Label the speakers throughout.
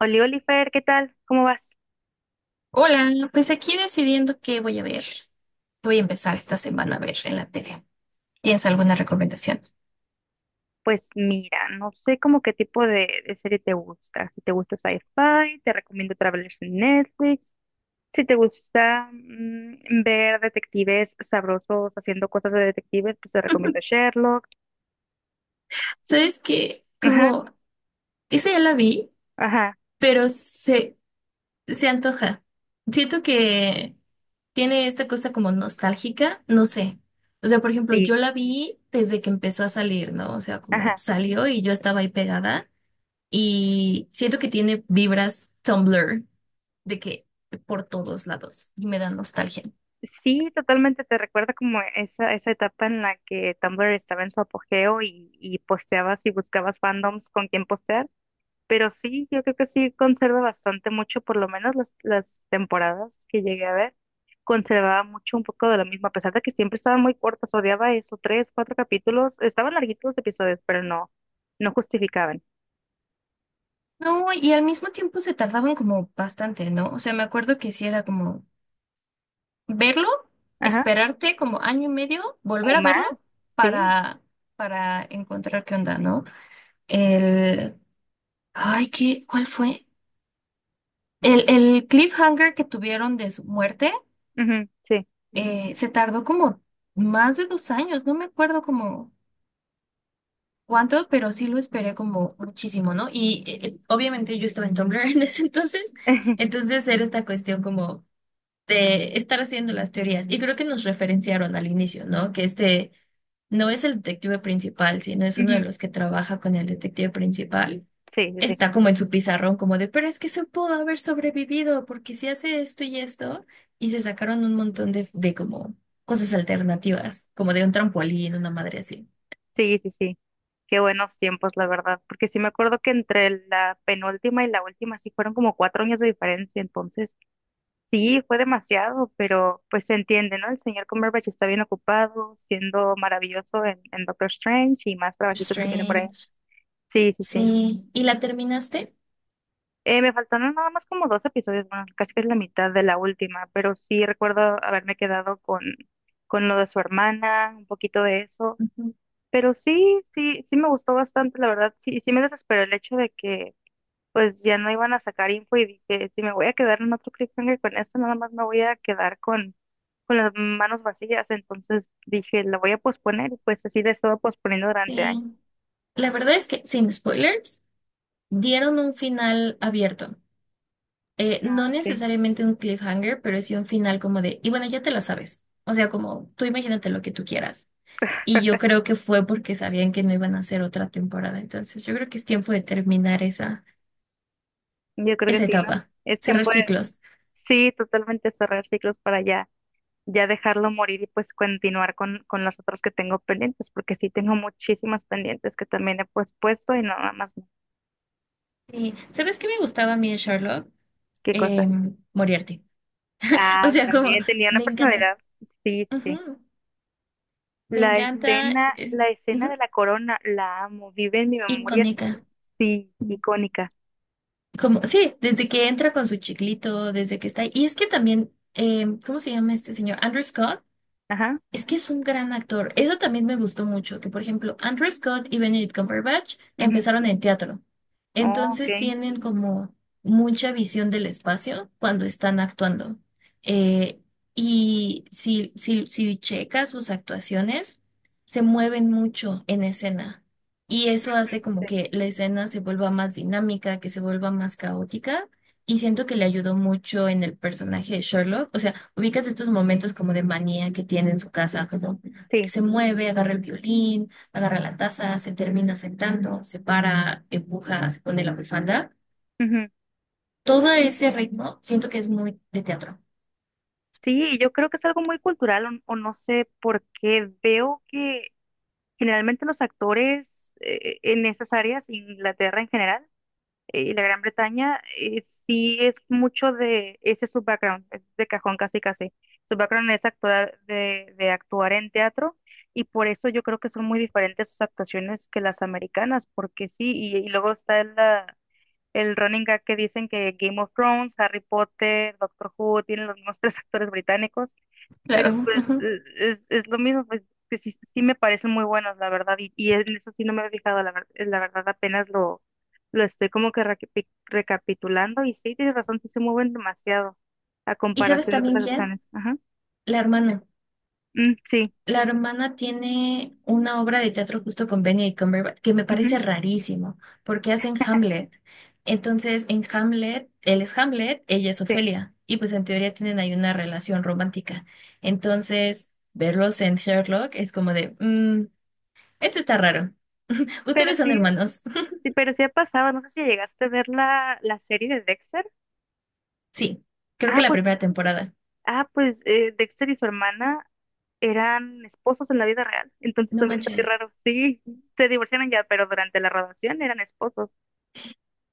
Speaker 1: Oli Oliver, ¿qué tal? ¿Cómo vas?
Speaker 2: Hola, pues aquí decidiendo qué voy a ver, qué voy a empezar esta semana a ver en la tele. ¿Tienes alguna recomendación?
Speaker 1: Pues mira, no sé como qué tipo de serie te gusta. Si te gusta sci-fi, te recomiendo Travelers en Netflix. Si te gusta ver detectives sabrosos haciendo cosas de detectives, pues te recomiendo Sherlock.
Speaker 2: ¿Sabes que
Speaker 1: Ajá,
Speaker 2: Como esa ya la vi,
Speaker 1: ajá,
Speaker 2: pero se antoja. Siento que tiene esta cosa como nostálgica, no sé. O sea, por ejemplo,
Speaker 1: sí,
Speaker 2: yo la vi desde que empezó a salir, ¿no? O sea, como
Speaker 1: ajá.
Speaker 2: salió y yo estaba ahí pegada y siento que tiene vibras Tumblr de que por todos lados y me da nostalgia.
Speaker 1: Sí, totalmente te recuerda como esa etapa en la que Tumblr estaba en su apogeo y posteabas y buscabas fandoms con quien postear. Pero sí, yo creo que sí conserva bastante mucho, por lo menos las temporadas que llegué a ver, conservaba mucho un poco de lo mismo, a pesar de que siempre estaban muy cortas, odiaba eso, tres, cuatro capítulos, estaban larguitos los episodios, pero no justificaban.
Speaker 2: No, y al mismo tiempo se tardaban como bastante, ¿no? O sea, me acuerdo que sí era como verlo,
Speaker 1: Ajá,
Speaker 2: esperarte como 1 año y medio,
Speaker 1: o
Speaker 2: volver a
Speaker 1: más,
Speaker 2: verlo
Speaker 1: sí,
Speaker 2: para, para encontrar qué onda, ¿no? El, ay, ¿qué? ¿Cuál fue? El cliffhanger que tuvieron de su muerte,
Speaker 1: ujú, sí,
Speaker 2: se tardó como más de 2 años, no me acuerdo como cuánto, pero sí lo esperé como muchísimo, ¿no? Y obviamente yo estaba en Tumblr en ese entonces, entonces era esta cuestión como de estar haciendo las teorías. Y creo que nos referenciaron al inicio, ¿no? Que este no es el detective principal, sino es uno de
Speaker 1: ujú,
Speaker 2: los que trabaja con el detective principal.
Speaker 1: sí, sí, sí,
Speaker 2: Está como en su pizarrón, como de, pero es que se pudo haber sobrevivido, porque si hace esto y esto, y se sacaron un montón de como cosas alternativas, como de un trampolín, una madre así.
Speaker 1: sí, sí, sí. Qué buenos tiempos, la verdad, porque sí me acuerdo que entre la penúltima y la última sí fueron como cuatro años de diferencia, entonces sí, fue demasiado, pero pues se entiende, ¿no? El señor Cumberbatch está bien ocupado, siendo maravilloso en Doctor Strange y más trabajitos que tiene por ahí.
Speaker 2: Strange.
Speaker 1: Sí, sí, sí.
Speaker 2: Sí, ¿y la terminaste?
Speaker 1: Me faltaron nada más como dos episodios, bueno, casi que es la mitad de la última, pero sí recuerdo haberme quedado con lo de su hermana, un poquito de eso.
Speaker 2: Ujú,
Speaker 1: Pero sí, sí, sí me gustó bastante, la verdad. Sí, sí me desesperó el hecho de que pues ya no iban a sacar info y dije, si me voy a quedar en otro cliffhanger con esto, nada más me voy a quedar con las manos vacías, entonces dije, la voy a posponer y pues así la he estado posponiendo durante
Speaker 2: sí.
Speaker 1: años.
Speaker 2: La verdad es que, sin spoilers, dieron un final abierto. No
Speaker 1: Ok,
Speaker 2: necesariamente un cliffhanger, pero sí un final como de, y bueno, ya te la sabes. O sea, como tú imagínate lo que tú quieras. Y yo creo que fue porque sabían que no iban a hacer otra temporada. Entonces, yo creo que es tiempo de terminar
Speaker 1: yo creo que
Speaker 2: esa
Speaker 1: sí, ¿no?
Speaker 2: etapa,
Speaker 1: Es
Speaker 2: cerrar
Speaker 1: tiempo de,
Speaker 2: ciclos.
Speaker 1: sí, totalmente cerrar ciclos para ya, ya dejarlo morir y pues continuar con las otras que tengo pendientes, porque sí tengo muchísimas pendientes que también he pues puesto y no, nada más, no.
Speaker 2: Sí. ¿Sabes qué me gustaba a mí de Sherlock?
Speaker 1: ¿Qué cosa?
Speaker 2: Moriarty. O
Speaker 1: Ah,
Speaker 2: sea, como
Speaker 1: también tenía una
Speaker 2: me encanta.
Speaker 1: personalidad, sí, sí, sí.
Speaker 2: Ujú. Me encanta. Es
Speaker 1: La escena
Speaker 2: ujú,
Speaker 1: de la corona, la amo, vive en mi memoria,
Speaker 2: icónica.
Speaker 1: sí, sí, icónica.
Speaker 2: Como, sí, desde que entra con su chiclito, desde que está ahí. Y es que también, ¿cómo se llama este señor? Andrew Scott.
Speaker 1: Ajá.
Speaker 2: Es que es un gran actor. Eso también me gustó mucho, que por ejemplo, Andrew Scott y Benedict Cumberbatch
Speaker 1: Ujú.
Speaker 2: empezaron en teatro.
Speaker 1: Oh, ok.
Speaker 2: Entonces tienen como mucha visión del espacio cuando están actuando. Eh, y si checas sus actuaciones, se mueven mucho en escena. Y eso hace como
Speaker 1: Sí,
Speaker 2: que la escena se vuelva más dinámica, que se vuelva más caótica. Y siento que le ayudó mucho en el personaje de Sherlock. O sea, ubicas estos momentos como de manía que tiene en su casa, como que
Speaker 1: sí,
Speaker 2: se mueve, agarra el violín, agarra la taza, se termina sentando, se para, empuja, se pone la bufanda.
Speaker 1: ujú.
Speaker 2: Todo ese ritmo siento que es muy de teatro.
Speaker 1: Sí, yo creo que es algo muy cultural o no sé por qué veo que generalmente los actores en esas áreas, Inglaterra en general y la Gran Bretaña, sí es mucho de ese es su background, es de cajón casi casi. Su background es actuar, de actuar en teatro y por eso yo creo que son muy diferentes sus actuaciones que las americanas, porque sí, y luego está la, el running gag que dicen que Game of Thrones, Harry Potter, Doctor Who tienen los mismos tres actores británicos,
Speaker 2: Claro.
Speaker 1: pero pues
Speaker 2: Ujú.
Speaker 1: es lo mismo, pues que sí, sí me parecen muy buenos, la verdad, y en eso sí no me he fijado, la, la verdad apenas lo estoy como que recapitulando y sí, tienes razón, sí se mueven demasiado a
Speaker 2: ¿Y sabes
Speaker 1: comparación de
Speaker 2: también
Speaker 1: otras acciones.
Speaker 2: quién?
Speaker 1: Ajá.
Speaker 2: La hermana.
Speaker 1: Mm, sí.
Speaker 2: La hermana tiene una obra de teatro justo con Benedict Cumberbatch que me
Speaker 1: Ujú.
Speaker 2: parece rarísimo, porque hacen Hamlet. Entonces, en Hamlet, él es Hamlet, ella es
Speaker 1: Sí,
Speaker 2: Ofelia, y pues en teoría tienen ahí una relación romántica. Entonces, verlos en Sherlock es como de, "Mm, esto está raro.
Speaker 1: pero
Speaker 2: Ustedes son
Speaker 1: sí,
Speaker 2: hermanos."
Speaker 1: sí, pero sí ha pasado. No sé si llegaste a ver la serie de Dexter.
Speaker 2: Sí, creo que
Speaker 1: Ah,
Speaker 2: la
Speaker 1: pues,
Speaker 2: primera temporada.
Speaker 1: ah, pues Dexter y su hermana eran esposos en la vida real. Entonces
Speaker 2: No
Speaker 1: también está muy
Speaker 2: manches.
Speaker 1: raro. Sí, se divorciaron ya, pero durante la graduación eran esposos.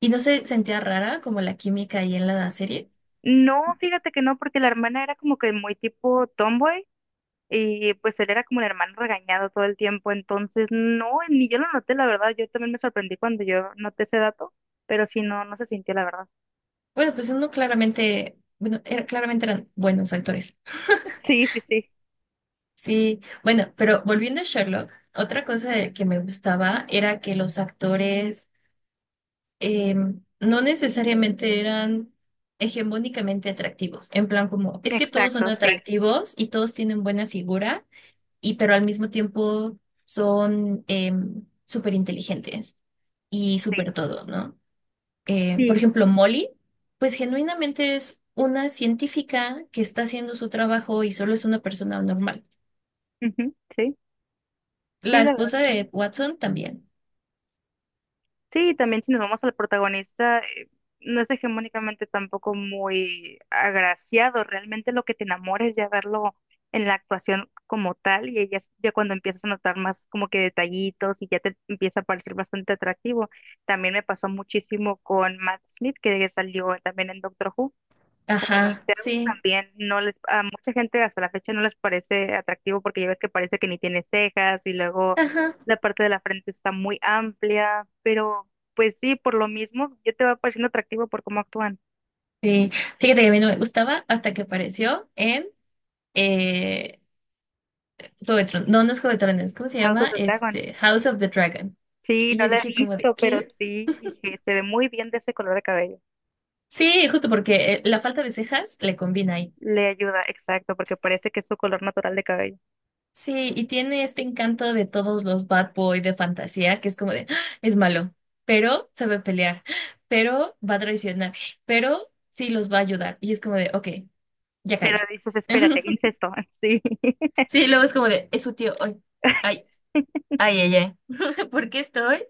Speaker 2: ¿Y no se sentía rara como la química ahí en la serie?
Speaker 1: No, fíjate que no, porque la hermana era como que muy tipo tomboy y pues él era como el hermano regañado todo el tiempo. Entonces, no, ni yo lo noté, la verdad. Yo también me sorprendí cuando yo noté ese dato, pero sí, no, no se sintió, la verdad.
Speaker 2: Bueno, pues uno claramente, bueno, era- claramente eran buenos actores.
Speaker 1: Sí, sí, sí.
Speaker 2: Sí, bueno, pero volviendo a Sherlock, otra cosa de- que me gustaba era que los actores no necesariamente eran hegemónicamente atractivos, en plan como, es que todos son
Speaker 1: Exacto, sí,
Speaker 2: atractivos y todos tienen buena figura, y pero al mismo tiempo son súper inteligentes y
Speaker 1: sí,
Speaker 2: súper todo, ¿no? Por
Speaker 1: sí.
Speaker 2: ejemplo, Molly, pues genuinamente es una científica que está haciendo su trabajo y solo es una persona normal.
Speaker 1: Ujú, sí, sí,
Speaker 2: La
Speaker 1: la verdad.
Speaker 2: esposa
Speaker 1: Sí.
Speaker 2: de Watson también.
Speaker 1: Sí, también si nos vamos al protagonista, no es hegemónicamente tampoco muy agraciado. Realmente lo que te enamora es ya verlo en la actuación como tal y ya, ya cuando empiezas a notar más como que detallitos y ya te empieza a parecer bastante atractivo. También me pasó muchísimo con Matt Smith, que salió también en Doctor Who. Como el
Speaker 2: Ajá,
Speaker 1: onceavo
Speaker 2: sí,
Speaker 1: también no les, a mucha gente hasta la fecha no les parece atractivo porque ya ves que parece que ni tiene cejas y luego
Speaker 2: ajá,
Speaker 1: la parte de la frente está muy amplia, pero pues sí, por lo mismo, ya te va pareciendo atractivo por cómo actúan.
Speaker 2: sí. Fíjate que a mí no me gustaba hasta que apareció en eh, Juego de Tron- No, no es Juego de Tronos, ¿cómo se
Speaker 1: House of
Speaker 2: llama?
Speaker 1: the Dragon.
Speaker 2: Este, House of the Dragon.
Speaker 1: Sí,
Speaker 2: Y
Speaker 1: no
Speaker 2: yo
Speaker 1: la he
Speaker 2: dije como de,
Speaker 1: visto, pero
Speaker 2: ¿qué?
Speaker 1: sí, dije, se ve muy bien de ese color de cabello.
Speaker 2: Sí, justo porque la falta de cejas le combina.
Speaker 1: Le ayuda, exacto, porque parece que es su color natural de cabello.
Speaker 2: Sí, y tiene este encanto de todos los bad boy de fantasía, que es como de, "Ah, es malo, pero sabe pelear, pero va a traicionar, pero sí los va a ayudar." Y es como de, ok, ya
Speaker 1: Pero
Speaker 2: caí.
Speaker 1: dices, espérate, incesto, sí,
Speaker 2: Sí, luego es como de, es su tío, ay, ay, ay, ay, ay. ¿Por qué estoy?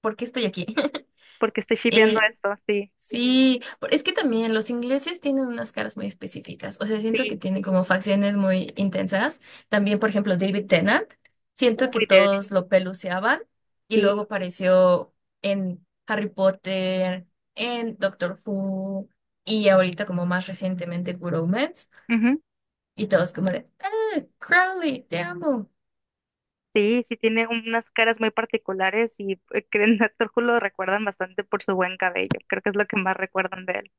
Speaker 2: ¿Por qué estoy aquí?
Speaker 1: porque estoy shipeando
Speaker 2: Eh,
Speaker 1: esto, sí,
Speaker 2: sí, por- es que también los ingleses tienen unas caras muy específicas, o sea, siento que
Speaker 1: sí,
Speaker 2: tienen como facciones muy intensas. También, por ejemplo, David Tennant, siento que
Speaker 1: uy, de,
Speaker 2: todos lo peluceaban y luego
Speaker 1: sí.
Speaker 2: apareció en Harry Potter, en Doctor Who y ahorita como más recientemente Good Omens
Speaker 1: Ujú.
Speaker 2: y todos como de, "Ah, Crowley, te amo."
Speaker 1: Sí, sí tiene unas caras muy particulares y que en Doctor Who lo recuerdan bastante por su buen cabello. Creo que es lo que más recuerdan de él.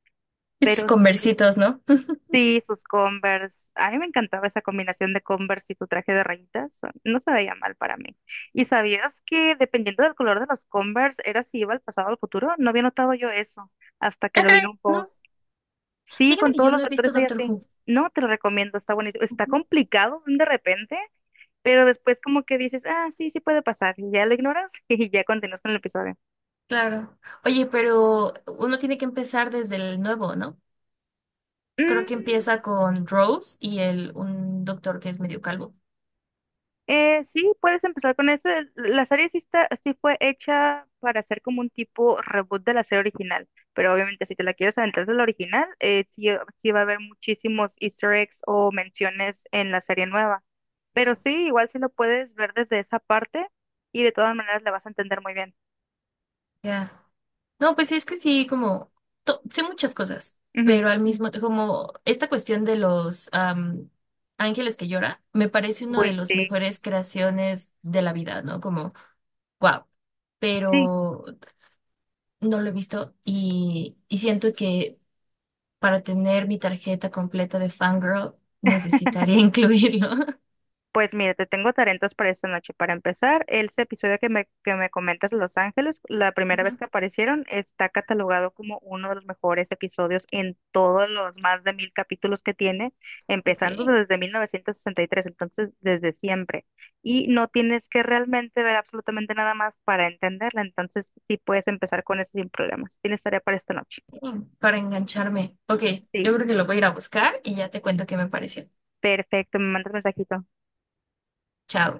Speaker 2: Esos
Speaker 1: Pero sí,
Speaker 2: conversitos, ¿no?
Speaker 1: sí, sus Converse. A mí me encantaba esa combinación de Converse y su traje de rayitas. No se veía mal para mí. ¿Y sabías que dependiendo del color de los Converse era si iba al pasado o al futuro? No había notado yo eso hasta que
Speaker 2: Ok,
Speaker 1: lo vi en un
Speaker 2: no.
Speaker 1: post. Sí,
Speaker 2: Fíjate
Speaker 1: con
Speaker 2: que
Speaker 1: todos
Speaker 2: yo no
Speaker 1: los
Speaker 2: he visto
Speaker 1: actores hay
Speaker 2: Doctor
Speaker 1: así.
Speaker 2: Who.
Speaker 1: No, te lo recomiendo, está buenísimo. Está complicado de repente, pero después como que dices, ah, sí, sí puede pasar, y ya lo ignoras y ya continúas con el episodio.
Speaker 2: Claro. Oye, pero uno tiene que empezar desde el nuevo, ¿no? Creo que
Speaker 1: Mm,
Speaker 2: empieza con Rose y el un doctor que es medio calvo.
Speaker 1: sí, puedes empezar con eso. La serie sí, está, sí fue hecha para hacer como un tipo reboot de la serie original, pero obviamente si te la quieres aventar de la original, sí, sí va a haber muchísimos easter eggs o menciones en la serie nueva. Pero sí, igual sí lo puedes ver desde esa parte y de todas maneras la vas a entender muy bien.
Speaker 2: Ya. No, pues sí, es que sí, como to- sé muchas cosas,
Speaker 1: Ujú.
Speaker 2: pero al mismo como esta cuestión de los ángeles que llora, me parece uno de
Speaker 1: Uy,
Speaker 2: los
Speaker 1: sí,
Speaker 2: mejores creaciones de la vida, ¿no? Como, wow.
Speaker 1: sí.
Speaker 2: Pero no lo he visto y siento que para tener mi tarjeta completa de fangirl, necesitaría incluirlo.
Speaker 1: Pues mira, te tengo talentos para esta noche. Para empezar, el episodio que me comentas de Los Ángeles, la primera vez
Speaker 2: Ujú.
Speaker 1: que aparecieron, está catalogado como uno de los mejores episodios en todos los más de mil capítulos que tiene, empezando
Speaker 2: Ok,
Speaker 1: desde 1963, entonces desde siempre. Y no tienes que realmente ver absolutamente nada más para entenderla, entonces sí puedes empezar con eso sin problemas. Tienes tarea para esta noche.
Speaker 2: mm, para engancharme. Ok,
Speaker 1: Sí,
Speaker 2: yo creo que lo voy a ir a buscar y ya te cuento qué me pareció.
Speaker 1: perfecto, me mandas mensajito.
Speaker 2: Chao.